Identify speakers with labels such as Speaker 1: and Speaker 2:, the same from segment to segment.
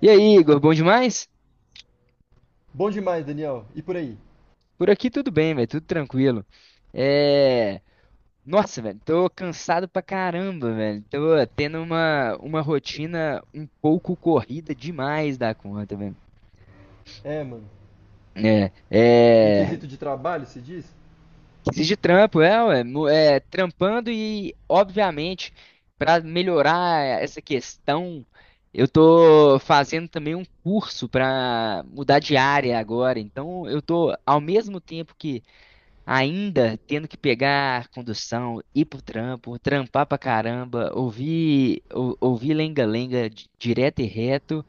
Speaker 1: E aí, Igor, bom demais?
Speaker 2: Bom demais, Daniel. E por aí?
Speaker 1: Por aqui tudo bem, velho, tudo tranquilo. É... Nossa, velho, tô cansado pra caramba, velho. Tô tendo uma rotina um pouco corrida demais da conta, velho.
Speaker 2: É, mano.
Speaker 1: É,
Speaker 2: Em
Speaker 1: é...
Speaker 2: quesito de trabalho, se diz?
Speaker 1: Exige trampo, é, ué, trampando e, obviamente, pra melhorar essa questão, eu tô fazendo também um curso pra mudar de área agora. Então, eu tô, ao mesmo tempo que ainda tendo que pegar condução, ir pro trampo, trampar pra caramba, ouvir ouvir lenga-lenga direto e reto,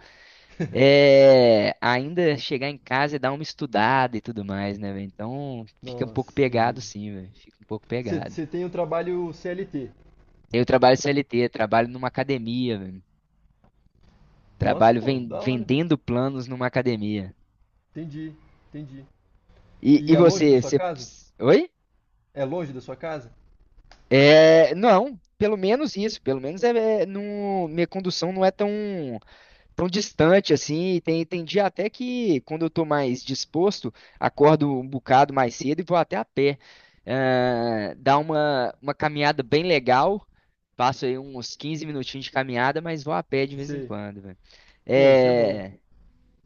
Speaker 1: ainda chegar em casa e dar uma estudada e tudo mais, né, velho? Então fica um pouco
Speaker 2: Nossa, entendi.
Speaker 1: pegado, sim, velho. Fica um pouco pegado.
Speaker 2: Você tem um trabalho CLT.
Speaker 1: Eu trabalho CLT, trabalho numa academia, velho.
Speaker 2: Nossa,
Speaker 1: Trabalho
Speaker 2: pô, da hora.
Speaker 1: vendendo planos numa academia.
Speaker 2: Entendi, entendi.
Speaker 1: E,
Speaker 2: E
Speaker 1: e
Speaker 2: é longe da
Speaker 1: você,
Speaker 2: sua
Speaker 1: você...
Speaker 2: casa?
Speaker 1: Oi?
Speaker 2: É longe da sua casa?
Speaker 1: É, não, pelo menos isso, pelo menos minha condução não é tão tão distante assim, e tem dia até que quando eu tô mais disposto, acordo um bocado mais cedo e vou até a pé. Ah, dá uma caminhada bem legal, passo aí uns 15 minutinhos de caminhada, mas vou a pé de vez em
Speaker 2: Sei.
Speaker 1: quando, velho.
Speaker 2: Pô, isso é bom.
Speaker 1: É,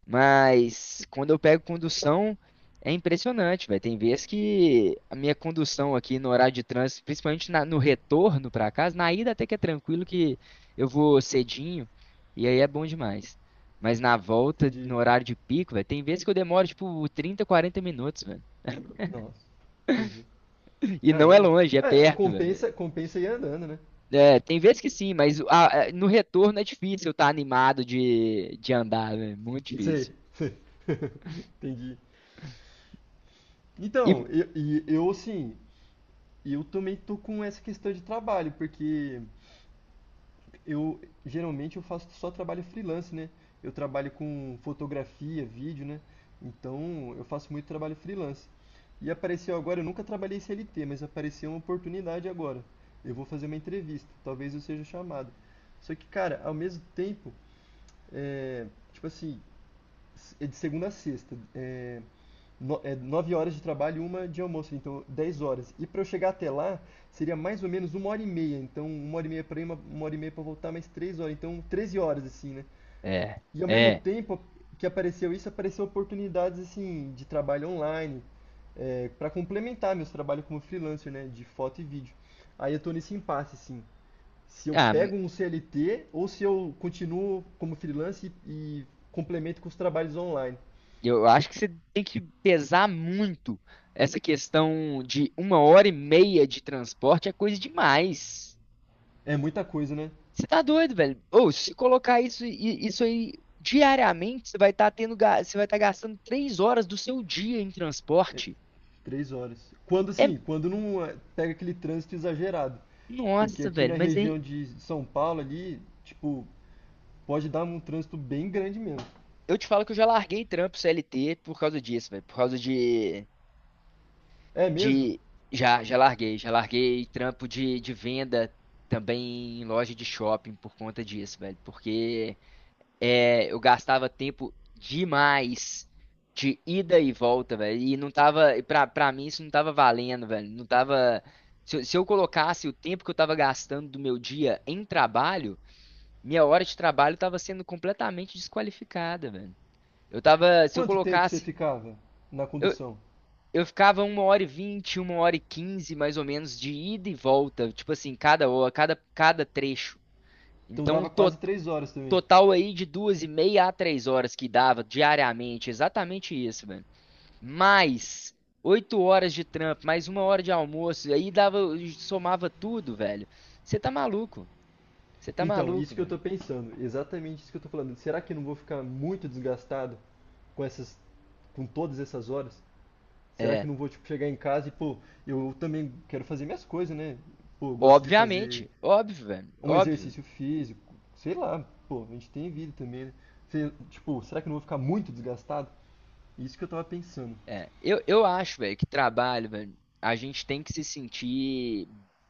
Speaker 1: mas quando eu pego condução, é impressionante, velho. Tem vezes que a minha condução aqui no horário de trânsito, principalmente no retorno para casa, na ida até que é tranquilo que eu vou cedinho e aí é bom demais. Mas na volta, no
Speaker 2: Entendi.
Speaker 1: horário de pico, velho, tem vezes que eu demoro tipo 30, 40 minutos, velho.
Speaker 2: Nossa, entendi.
Speaker 1: E não é
Speaker 2: Caramba.
Speaker 1: longe, é
Speaker 2: É,
Speaker 1: perto, velho.
Speaker 2: compensa, compensa ir andando, né?
Speaker 1: É, tem vezes que sim, mas no retorno é difícil eu estar animado de andar, velho. Muito
Speaker 2: Sei.
Speaker 1: difícil.
Speaker 2: Entendi.
Speaker 1: E,
Speaker 2: Então, eu, e eu assim, eu também tô com essa questão de trabalho, porque Eu geralmente eu faço só trabalho freelance, né? Eu trabalho com fotografia, vídeo, né? Então eu faço muito trabalho freelance. E apareceu agora, eu nunca trabalhei CLT, mas apareceu uma oportunidade agora. Eu vou fazer uma entrevista, talvez eu seja chamado. Só que, cara, ao mesmo tempo, é, tipo assim, é de segunda a sexta. É, no, é, 9 horas de trabalho e uma de almoço, então 10 horas. E para eu chegar até lá, seria mais ou menos 1 hora e meia. Então, 1 hora e meia para ir, uma hora e meia para voltar, mais 3 horas. Então, 13 horas, assim, né?
Speaker 1: é,
Speaker 2: E ao mesmo
Speaker 1: é.
Speaker 2: tempo que apareceu isso, apareceu oportunidades, assim, de trabalho online, é, para complementar meus trabalhos como freelancer, né? De foto e vídeo. Aí eu tô nesse impasse, assim. Se eu
Speaker 1: Ah,
Speaker 2: pego um CLT ou se eu continuo como freelancer e, complemento com os trabalhos online.
Speaker 1: Eu acho que você tem que pesar muito. Essa questão de 1 hora e meia de transporte é coisa demais.
Speaker 2: É muita coisa, né?
Speaker 1: Você tá doido, velho? Ou se colocar isso, isso aí diariamente, você vai estar tendo, você vai estar gastando 3 horas do seu dia em transporte.
Speaker 2: 3 horas. Quando
Speaker 1: É,
Speaker 2: assim, quando não é, pega aquele trânsito exagerado. Porque
Speaker 1: nossa,
Speaker 2: aqui na
Speaker 1: velho, mas aí
Speaker 2: região de São Paulo ali, tipo, pode dar um trânsito bem grande mesmo.
Speaker 1: eu te falo que eu já larguei trampo CLT por causa disso, velho, por causa
Speaker 2: É mesmo?
Speaker 1: de já, já larguei trampo de venda também em loja de shopping por conta disso, velho. Porque é, eu gastava tempo demais de ida e volta, velho. E não tava, e pra mim isso não tava valendo, velho. Não tava. Se eu colocasse o tempo que eu tava gastando do meu dia em trabalho, minha hora de trabalho tava sendo completamente desqualificada, velho. Eu tava, se eu
Speaker 2: Quanto tempo você
Speaker 1: colocasse.
Speaker 2: ficava na
Speaker 1: Eu,
Speaker 2: condução?
Speaker 1: eu ficava 1 hora e 20, 1 hora e 15, mais ou menos, de ida e volta. Tipo assim, cada hora, cada trecho.
Speaker 2: Então
Speaker 1: Então,
Speaker 2: dava
Speaker 1: to-
Speaker 2: quase 3 horas também.
Speaker 1: total aí de 2 e meia a 3 horas que dava diariamente. Exatamente isso, velho. Mais 8 horas de trampo, mais 1 hora de almoço. E aí dava, somava tudo, velho. Você tá maluco. Você tá
Speaker 2: Então,
Speaker 1: maluco,
Speaker 2: isso que eu
Speaker 1: velho.
Speaker 2: tô pensando, exatamente isso que eu tô falando. Será que eu não vou ficar muito desgastado com essas, com todas essas horas? Será que eu
Speaker 1: É.
Speaker 2: não vou, tipo, chegar em casa e, pô, eu também quero fazer minhas coisas, né? Pô, eu gosto de fazer
Speaker 1: Obviamente. Óbvio, velho.
Speaker 2: um
Speaker 1: Óbvio.
Speaker 2: exercício físico, sei lá, pô, a gente tem vida também, né? Tipo, será que eu não vou ficar muito desgastado? Isso que eu tava pensando.
Speaker 1: Eu acho, velho, que trabalho, velho, a gente tem que se sentir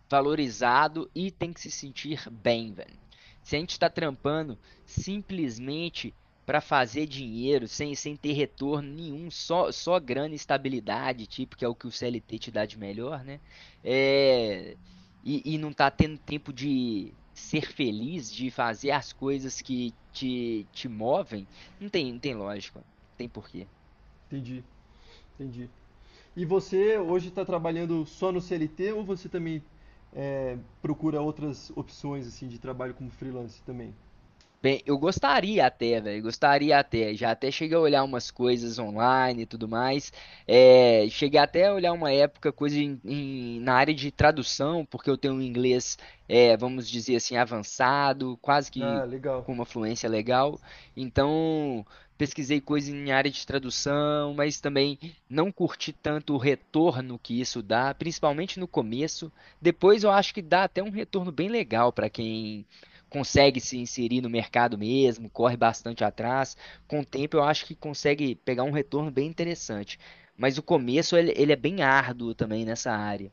Speaker 1: valorizado e tem que se sentir bem, velho. Se a gente está trampando simplesmente para fazer dinheiro, sem ter retorno nenhum, só grana e estabilidade, tipo, que é o que o CLT te dá de melhor, né? É, e não tá tendo tempo de ser feliz, de fazer as coisas que te movem, não tem lógica, não tem porquê.
Speaker 2: Entendi, entendi. E você hoje está trabalhando só no CLT ou você também é, procura outras opções assim de trabalho como freelance também?
Speaker 1: Bem, eu gostaria até, velho, gostaria até. Já até cheguei a olhar umas coisas online e tudo mais. É, cheguei até a olhar uma época coisa na área de tradução, porque eu tenho um inglês, é, vamos dizer assim, avançado, quase que
Speaker 2: Ah, legal.
Speaker 1: com uma fluência legal. Então, pesquisei coisa em área de tradução, mas também não curti tanto o retorno que isso dá, principalmente no começo. Depois eu acho que dá até um retorno bem legal para quem consegue se inserir no mercado mesmo, corre bastante atrás. Com o tempo, eu acho que consegue pegar um retorno bem interessante. Mas o começo, ele é bem árduo também nessa área.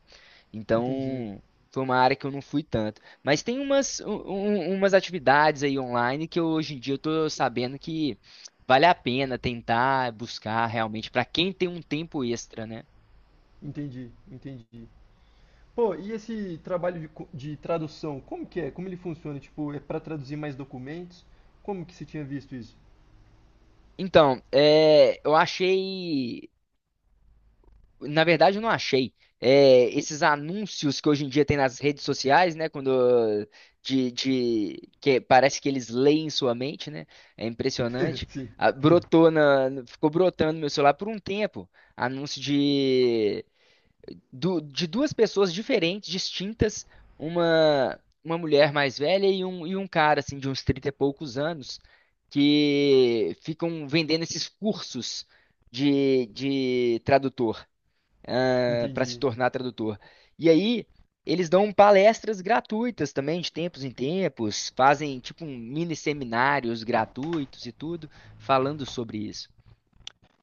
Speaker 2: Entendi,
Speaker 1: Então, foi uma área que eu não fui tanto. Mas tem umas atividades aí online que eu, hoje em dia eu tô sabendo que vale a pena tentar buscar realmente para quem tem um tempo extra, né?
Speaker 2: entendi, entendi. Pô, e esse trabalho de, de tradução, como que é? Como ele funciona? Tipo, é para traduzir mais documentos? Como que você tinha visto isso?
Speaker 1: Então, é, eu achei Na verdade, eu não achei. É, esses anúncios que hoje em dia tem nas redes sociais, né? Quando que parece que eles leem sua mente, né? É impressionante.
Speaker 2: Sim,
Speaker 1: Ficou brotando no meu celular por um tempo. Anúncio de, de duas pessoas diferentes, distintas, uma uma mulher mais velha e um cara assim de uns 30 e poucos anos que ficam vendendo esses cursos de tradutor para se
Speaker 2: entendi.
Speaker 1: tornar tradutor. E aí, eles dão palestras gratuitas também, de tempos em tempos, fazem tipo um mini seminários gratuitos e tudo, falando sobre isso.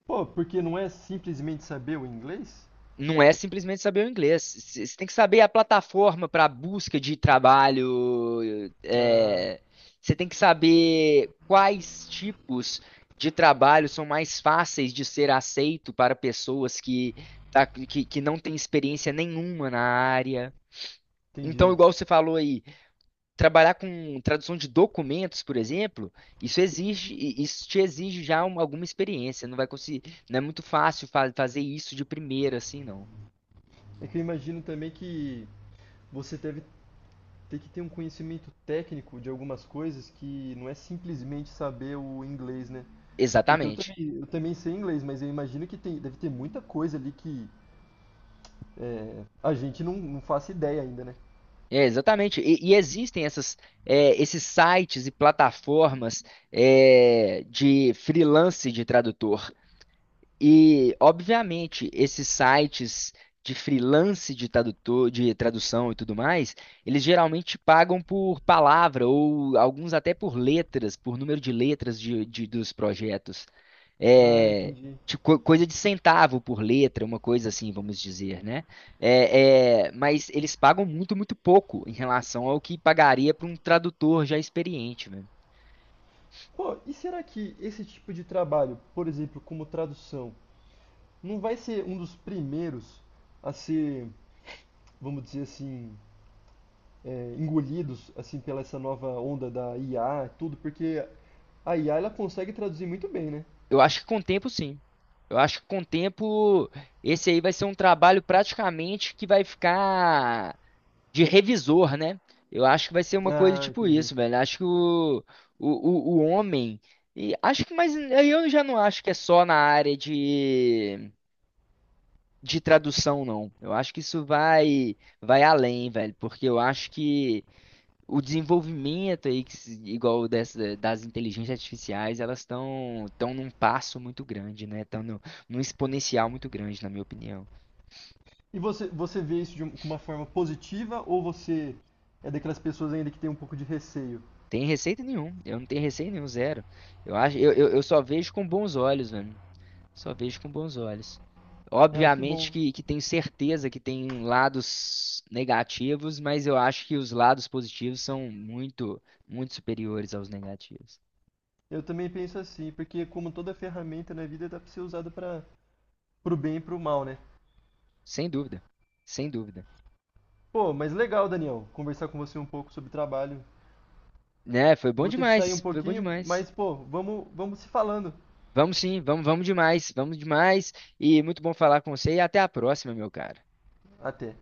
Speaker 2: Pô, porque não é simplesmente saber o inglês?
Speaker 1: Não é simplesmente saber o inglês. Você tem que saber a plataforma para busca de trabalho.
Speaker 2: Ah,
Speaker 1: é, Você tem que saber quais tipos de trabalho são mais fáceis de ser aceito para pessoas que não têm experiência nenhuma na área. Então,
Speaker 2: entendi.
Speaker 1: igual você falou aí, trabalhar com tradução de documentos, por exemplo, isso te exige já alguma experiência. Não vai conseguir, não é muito fácil fazer isso de primeira, assim, não.
Speaker 2: É que eu imagino também que você deve ter que ter um conhecimento técnico de algumas coisas que não é simplesmente saber o inglês, né? Porque
Speaker 1: Exatamente.
Speaker 2: eu também sei inglês, mas eu imagino que tem, deve ter muita coisa ali que é, a gente não, não faça ideia ainda, né?
Speaker 1: É, exatamente. E existem esses sites e plataformas, é, de freelance de tradutor. E, obviamente, esses sites de freelance de tradutor, de tradução e tudo mais, eles geralmente pagam por palavra ou alguns até por letras, por número de letras dos projetos.
Speaker 2: Ah,
Speaker 1: É,
Speaker 2: entendi.
Speaker 1: tipo, coisa de centavo por letra, uma coisa assim, vamos dizer, né? Mas eles pagam muito, muito pouco em relação ao que pagaria para um tradutor já experiente.
Speaker 2: Pô, e será que esse tipo de trabalho, por exemplo, como tradução, não vai ser um dos primeiros a ser, vamos dizer assim, é, engolidos assim pela essa nova onda da IA, e tudo, porque a IA ela consegue traduzir muito bem, né?
Speaker 1: Eu acho que com o tempo, sim. Eu acho que com o tempo, esse aí vai ser um trabalho praticamente que vai ficar de revisor, né? Eu acho que vai ser uma coisa
Speaker 2: Ah,
Speaker 1: tipo
Speaker 2: entendi.
Speaker 1: isso, velho. Acho que o homem. E acho que, mas eu já não acho que é só na área de tradução, não. Eu acho que isso vai, vai além, velho, porque eu acho que o desenvolvimento aí, que se- igual dessa, das inteligências artificiais, elas estão estão num passo muito grande, né? Estão no, num exponencial muito grande, na minha opinião.
Speaker 2: E você, você vê isso de uma forma positiva ou você é daquelas pessoas ainda que tem um pouco de receio?
Speaker 1: Tem receita nenhum. Eu não tenho receita nenhum, zero. Eu acho, eu só vejo com bons olhos, mano. Só vejo com bons olhos.
Speaker 2: Ah, que
Speaker 1: Obviamente
Speaker 2: bom.
Speaker 1: que tenho certeza que tem lados negativos, mas eu acho que os lados positivos são muito, muito superiores aos negativos.
Speaker 2: Eu também penso assim, porque como toda ferramenta na vida dá pra ser usada para pro bem e pro mal, né?
Speaker 1: Sem dúvida. Sem dúvida.
Speaker 2: Pô, mas legal, Daniel, conversar com você um pouco sobre trabalho.
Speaker 1: Né, foi
Speaker 2: Eu
Speaker 1: bom
Speaker 2: vou ter que sair
Speaker 1: demais,
Speaker 2: um
Speaker 1: foi bom
Speaker 2: pouquinho,
Speaker 1: demais.
Speaker 2: mas pô, vamos, vamos se falando.
Speaker 1: Vamos, vamos demais, vamos demais. E muito bom falar com você e até a próxima, meu cara.
Speaker 2: Até.